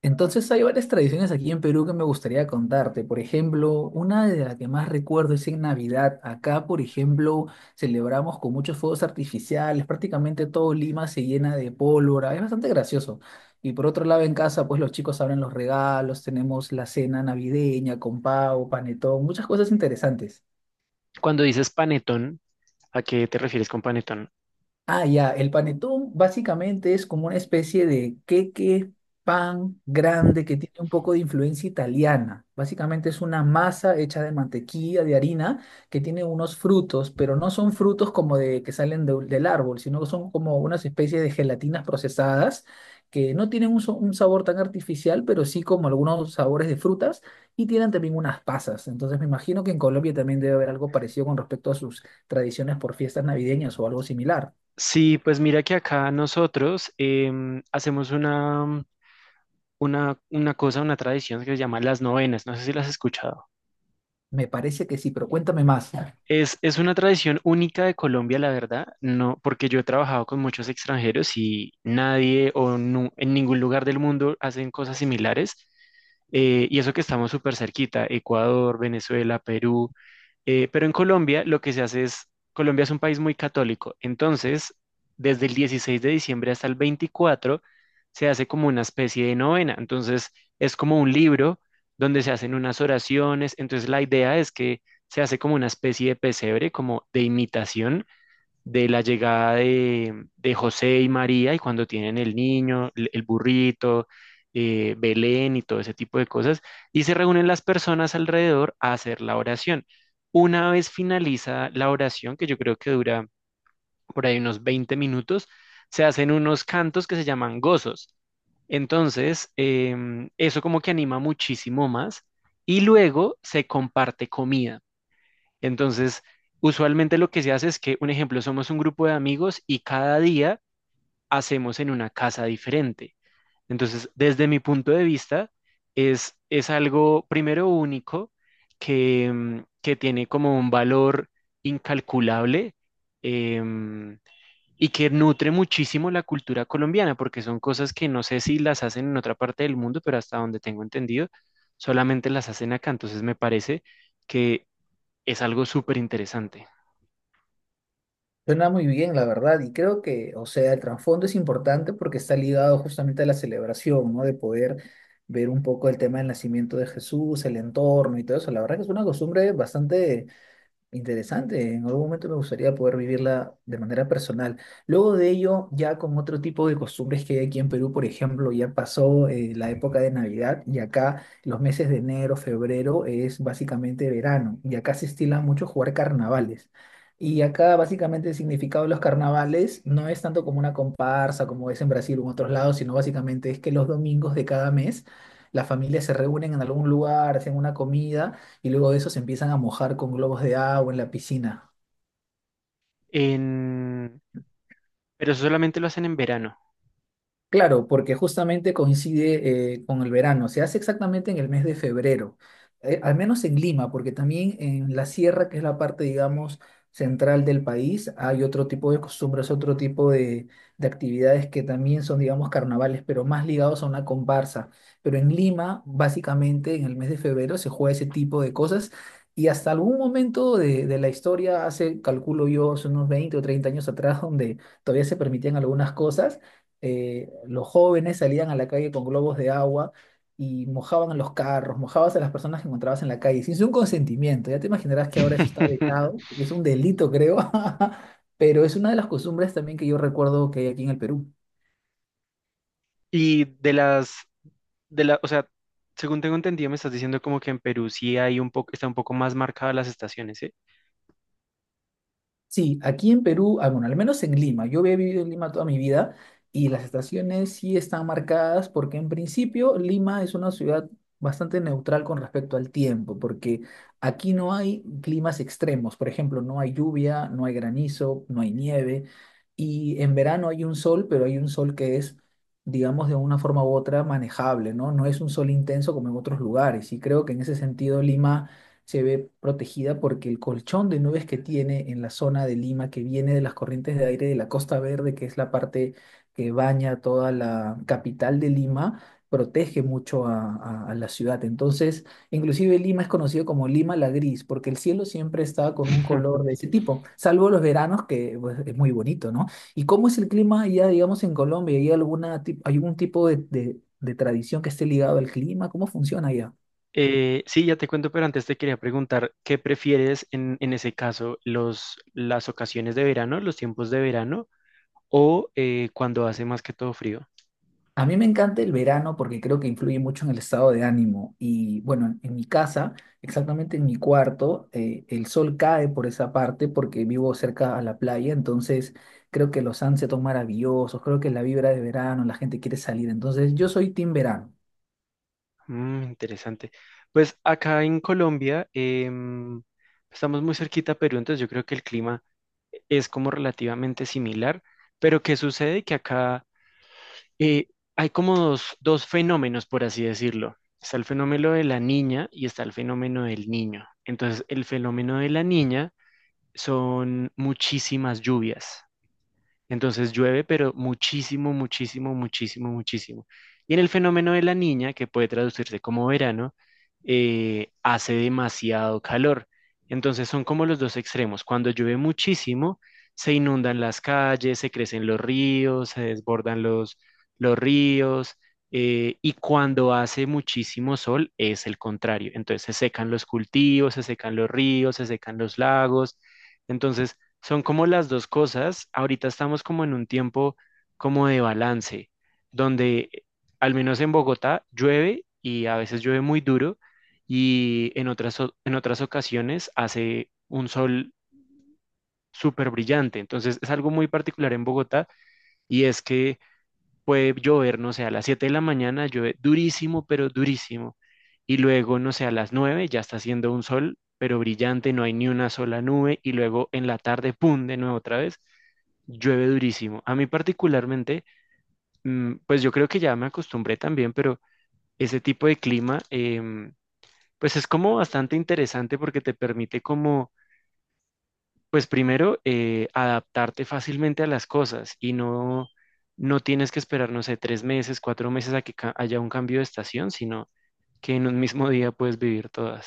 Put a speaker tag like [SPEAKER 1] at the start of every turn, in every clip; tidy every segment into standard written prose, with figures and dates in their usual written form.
[SPEAKER 1] Entonces hay varias tradiciones aquí en Perú que me gustaría contarte. Por ejemplo, una de las que más recuerdo es en Navidad. Acá, por ejemplo, celebramos con muchos fuegos artificiales. Prácticamente todo Lima se llena de pólvora. Es bastante gracioso. Y por otro lado, en casa, pues los chicos abren los regalos. Tenemos la cena navideña con pavo, panetón, muchas cosas interesantes.
[SPEAKER 2] Cuando dices panetón, ¿a qué te refieres con panetón?
[SPEAKER 1] Ah, ya, el panetón básicamente es como una especie de queque, pan grande que tiene un poco de influencia italiana. Básicamente es una masa hecha de mantequilla, de harina, que tiene unos frutos, pero no son frutos como de que salen del árbol, sino que son como unas especies de gelatinas procesadas que no tienen un sabor tan artificial, pero sí como algunos sabores de frutas y tienen también unas pasas. Entonces me imagino que en Colombia también debe haber algo parecido con respecto a sus tradiciones por fiestas navideñas o algo similar.
[SPEAKER 2] Sí, pues mira que acá nosotros hacemos una cosa, una tradición que se llama las novenas. No sé si las has escuchado.
[SPEAKER 1] Me parece que sí, pero cuéntame más.
[SPEAKER 2] Es una tradición única de Colombia, la verdad, no, porque yo he trabajado con muchos extranjeros y nadie o en ningún lugar del mundo hacen cosas similares. Y eso que estamos súper cerquita, Ecuador, Venezuela, Perú. Pero en Colombia lo que se hace es, Colombia es un país muy católico, entonces desde el 16 de diciembre hasta el 24 se hace como una especie de novena. Entonces es como un libro donde se hacen unas oraciones, entonces la idea es que se hace como una especie de pesebre, como de imitación de la llegada de José y María, y cuando tienen el niño, el burrito, Belén y todo ese tipo de cosas, y se reúnen las personas alrededor a hacer la oración. Una vez finaliza la oración, que yo creo que dura por ahí unos 20 minutos, se hacen unos cantos que se llaman gozos. Entonces, eso como que anima muchísimo más. Y luego se comparte comida. Entonces, usualmente lo que se hace es que, un ejemplo, somos un grupo de amigos y cada día hacemos en una casa diferente. Entonces, desde mi punto de vista, es algo primero único que que tiene como un valor incalculable, em, y que nutre muchísimo la cultura colombiana, porque son cosas que no sé si las hacen en otra parte del mundo, pero hasta donde tengo entendido, solamente las hacen acá. Entonces, me parece que es algo súper interesante.
[SPEAKER 1] Suena muy bien, la verdad, y creo que, o sea, el trasfondo es importante porque está ligado justamente a la celebración, ¿no? De poder ver un poco el tema del nacimiento de Jesús, el entorno y todo eso. La verdad que es una costumbre bastante interesante, en algún momento me gustaría poder vivirla de manera personal. Luego de ello, ya con otro tipo de costumbres que hay aquí en Perú, por ejemplo, ya pasó la época de Navidad y acá los meses de enero, febrero es básicamente verano y acá se estila mucho jugar carnavales. Y acá básicamente el significado de los carnavales no es tanto como una comparsa como es en Brasil o en otros lados, sino básicamente es que los domingos de cada mes las familias se reúnen en algún lugar, hacen una comida y luego de eso se empiezan a mojar con globos de agua en la piscina.
[SPEAKER 2] en- ¿Pero eso solamente lo hacen en verano?
[SPEAKER 1] Claro, porque justamente coincide con el verano, se hace exactamente en el mes de febrero, al menos en Lima, porque también en la sierra, que es la parte, digamos, central del país, hay otro tipo de costumbres, otro tipo de actividades que también son, digamos, carnavales, pero más ligados a una comparsa. Pero en Lima, básicamente, en el mes de febrero se juega ese tipo de cosas y hasta algún momento de la historia, hace, calculo yo, hace unos 20 o 30 años atrás, donde todavía se permitían algunas cosas, los jóvenes salían a la calle con globos de agua y mojaban los carros, mojabas a las personas que encontrabas en la calle, sin su consentimiento. Ya te imaginarás que ahora eso está vetado, que es un delito, creo, pero es una de las costumbres también que yo recuerdo que hay aquí en el Perú.
[SPEAKER 2] Y de las, de la, o sea, según tengo entendido, me estás diciendo como que en Perú sí hay un poco, está un poco más marcadas las estaciones, ¿eh?
[SPEAKER 1] Sí, aquí en Perú, ah, bueno, al menos en Lima, yo he vivido en Lima toda mi vida y las estaciones sí están marcadas porque en principio Lima es una ciudad bastante neutral con respecto al tiempo, porque aquí no hay climas extremos, por ejemplo, no hay lluvia, no hay granizo, no hay nieve y en verano hay un sol, pero hay un sol que es, digamos, de una forma u otra manejable, ¿no? No es un sol intenso como en otros lugares y creo que en ese sentido Lima se ve protegida porque el colchón de nubes que tiene en la zona de Lima, que viene de las corrientes de aire de la Costa Verde, que es la parte que baña toda la capital de Lima, protege mucho a la ciudad. Entonces, inclusive Lima es conocido como Lima la Gris, porque el cielo siempre está con un color de ese tipo, salvo los veranos, que pues, es muy bonito, ¿no? ¿Y cómo es el clima allá, digamos, en Colombia? ¿Hay algún tipo de tradición que esté ligado al clima? ¿Cómo funciona allá?
[SPEAKER 2] Sí, ya te cuento, pero antes te quería preguntar, ¿qué prefieres en ese caso, los, las ocasiones de verano, los tiempos de verano o cuando hace más que todo frío?
[SPEAKER 1] A mí me encanta el verano porque creo que influye mucho en el estado de ánimo. Y bueno, en mi casa, exactamente en mi cuarto, el sol cae por esa parte porque vivo cerca a la playa, entonces creo que los sunsets son maravillosos, creo que la vibra de verano, la gente quiere salir, entonces yo soy team verano.
[SPEAKER 2] Mm, interesante. Pues acá en Colombia, estamos muy cerquita a Perú, entonces yo creo que el clima es como relativamente similar, pero ¿qué sucede? Que acá eh, hay como dos fenómenos, por así decirlo. Está el fenómeno de la niña y está el fenómeno del niño. Entonces, el fenómeno de la niña son muchísimas lluvias. Entonces llueve, pero muchísimo, muchísimo, muchísimo, muchísimo. Y en el fenómeno de la niña, que puede traducirse como verano, hace demasiado calor. Entonces son como los dos extremos. Cuando llueve muchísimo, se inundan las calles, se crecen los ríos, se desbordan los ríos. Y cuando hace muchísimo sol, es el contrario. Entonces se secan los cultivos, se secan los ríos, se secan los lagos. Entonces, son como las dos cosas. Ahorita estamos como en un tiempo como de balance, donde al menos en Bogotá llueve y a veces llueve muy duro y en otras, en otras ocasiones hace un sol súper brillante. Entonces es algo muy particular en Bogotá, y es que puede llover, no sé, a las 7 de la mañana llueve durísimo, pero durísimo. Y luego, no sé, a las 9 ya está haciendo un sol, pero brillante, no hay ni una sola nube. Y luego en la tarde, ¡pum!, de nuevo otra vez, llueve durísimo. A mí particularmente, pues yo creo que ya me acostumbré también, pero ese tipo de clima, pues es como bastante interesante porque te permite como pues primero, adaptarte fácilmente a las cosas, y no, no tienes que esperar, no sé, tres meses, cuatro meses a que haya un cambio de estación, sino que en un mismo día puedes vivir todas.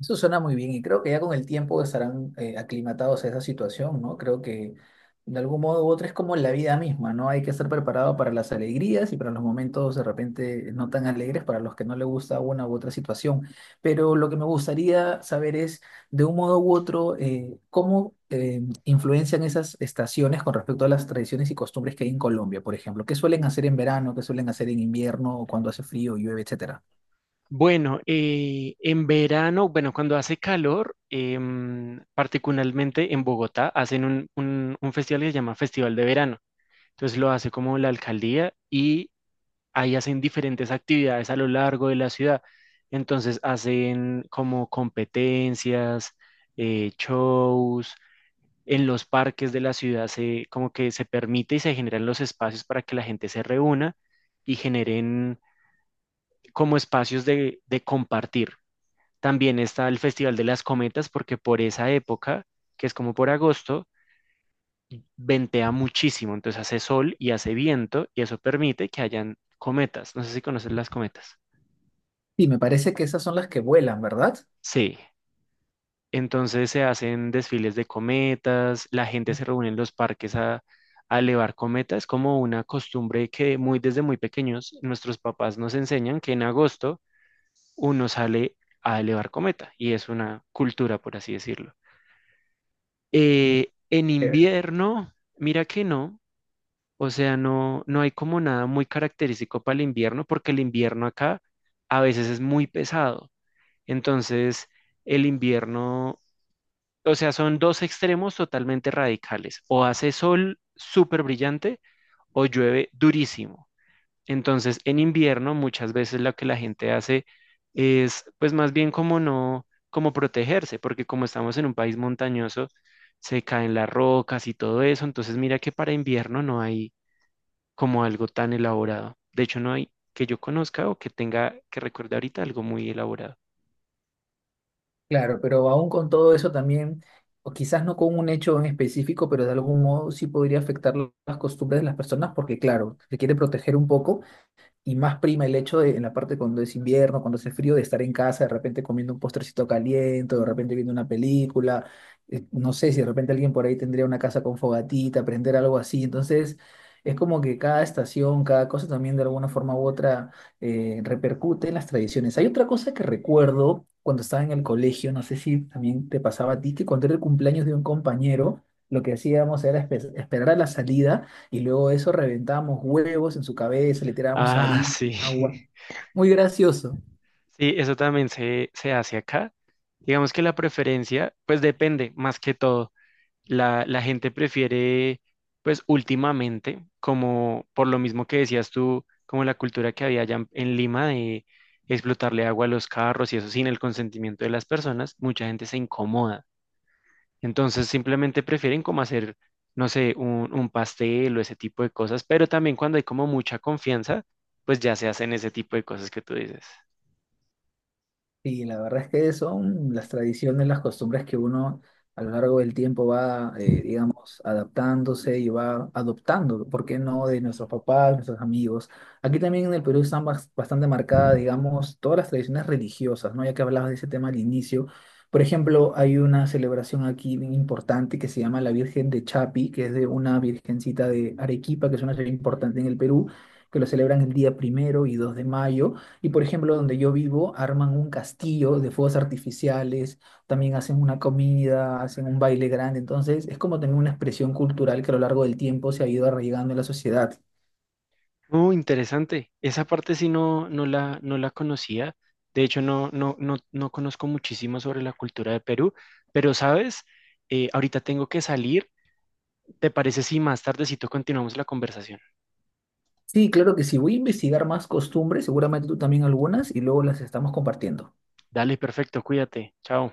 [SPEAKER 1] Eso suena muy bien y creo que ya con el tiempo estarán aclimatados a esa situación, ¿no? Creo que de algún modo u otro es como la vida misma, ¿no? Hay que estar preparado para las alegrías y para los momentos de repente no tan alegres para los que no le gusta una u otra situación. Pero lo que me gustaría saber es, de un modo u otro, cómo influencian esas estaciones con respecto a las tradiciones y costumbres que hay en Colombia, por ejemplo. ¿Qué suelen hacer en verano? ¿Qué suelen hacer en invierno, cuando hace frío, llueve, etcétera?
[SPEAKER 2] Bueno, en verano, bueno, cuando hace calor, particularmente en Bogotá, hacen un, un festival que se llama Festival de Verano. Entonces lo hace como la alcaldía, y ahí hacen diferentes actividades a lo largo de la ciudad. Entonces hacen como competencias, shows, en los parques de la ciudad se, como que se permite y se generan los espacios para que la gente se reúna y generen como espacios de compartir. También está el Festival de las Cometas, porque por esa época, que es como por agosto, ventea muchísimo, entonces hace sol y hace viento y eso permite que hayan cometas. No sé si conoces las cometas.
[SPEAKER 1] Sí, me parece que esas son las que vuelan, ¿verdad?
[SPEAKER 2] Sí. Entonces se hacen desfiles de cometas, la gente se reúne en los parques a elevar cometas, es como una costumbre que muy desde muy pequeños nuestros papás nos enseñan que en agosto uno sale a elevar cometa y es una cultura, por así decirlo. En
[SPEAKER 1] Eh,
[SPEAKER 2] invierno, mira que no, o sea, no, no hay como nada muy característico para el invierno, porque el invierno acá a veces es muy pesado. Entonces, el invierno, o sea, son dos extremos totalmente radicales. O hace sol súper brillante o llueve durísimo. Entonces, en invierno muchas veces lo que la gente hace es, pues más bien como no, como protegerse, porque como estamos en un país montañoso, se caen las rocas y todo eso. Entonces, mira que para invierno no hay como algo tan elaborado. De hecho, no hay que yo conozca o que tenga, que recuerde ahorita algo muy elaborado.
[SPEAKER 1] Claro, pero aún con todo eso también, o quizás no con un hecho en específico, pero de algún modo sí podría afectar las costumbres de las personas, porque claro, se quiere proteger un poco, y más prima el hecho de, en la parte cuando es invierno, cuando hace frío, de estar en casa, de repente comiendo un postrecito caliente, o de repente viendo una película. No sé si de repente alguien por ahí tendría una casa con fogatita, prender algo así. Entonces, es como que cada estación, cada cosa también de alguna forma u otra repercute en las tradiciones. Hay otra cosa que recuerdo cuando estaba en el colegio, no sé si también te pasaba a ti, que cuando era el cumpleaños de un compañero, lo que hacíamos era esperar a la salida y luego de eso reventábamos huevos en su cabeza, le tirábamos
[SPEAKER 2] Ah,
[SPEAKER 1] harina,
[SPEAKER 2] sí.
[SPEAKER 1] agua. Muy gracioso.
[SPEAKER 2] Sí, eso también se hace acá. Digamos que la preferencia, pues depende, más que todo. La gente prefiere, pues últimamente, como por lo mismo que decías tú, como la cultura que había allá en Lima de explotarle agua a los carros y eso sin el consentimiento de las personas, mucha gente se incomoda. Entonces simplemente prefieren como hacer, no sé, un, pastel o ese tipo de cosas, pero también cuando hay como mucha confianza, pues ya se hacen ese tipo de cosas que tú dices.
[SPEAKER 1] Y la verdad es que son las tradiciones, las costumbres que uno a lo largo del tiempo va, digamos, adaptándose y va adoptando, ¿por qué no? De nuestros papás, nuestros amigos. Aquí también en el Perú están bastante marcadas, digamos, todas las tradiciones religiosas, ¿no? Ya que hablabas de ese tema al inicio. Por ejemplo, hay una celebración aquí bien importante que se llama la Virgen de Chapi, que es de una virgencita de Arequipa, que es una ciudad importante en el Perú, que lo celebran el día primero y 2 de mayo. Y por ejemplo, donde yo vivo, arman un castillo de fuegos artificiales, también hacen una comida, hacen un baile grande. Entonces, es como también una expresión cultural que a lo largo del tiempo se ha ido arraigando en la sociedad.
[SPEAKER 2] Oh, interesante. Esa parte sí no, no la, no la conocía. De hecho, no, no, no, no conozco muchísimo sobre la cultura de Perú, pero sabes, eh, ahorita tengo que salir. ¿Te parece si más tardecito continuamos la conversación?
[SPEAKER 1] Sí, claro que sí. Voy a investigar más costumbres, seguramente tú también algunas, y luego las estamos compartiendo.
[SPEAKER 2] Dale, perfecto, cuídate. Chao.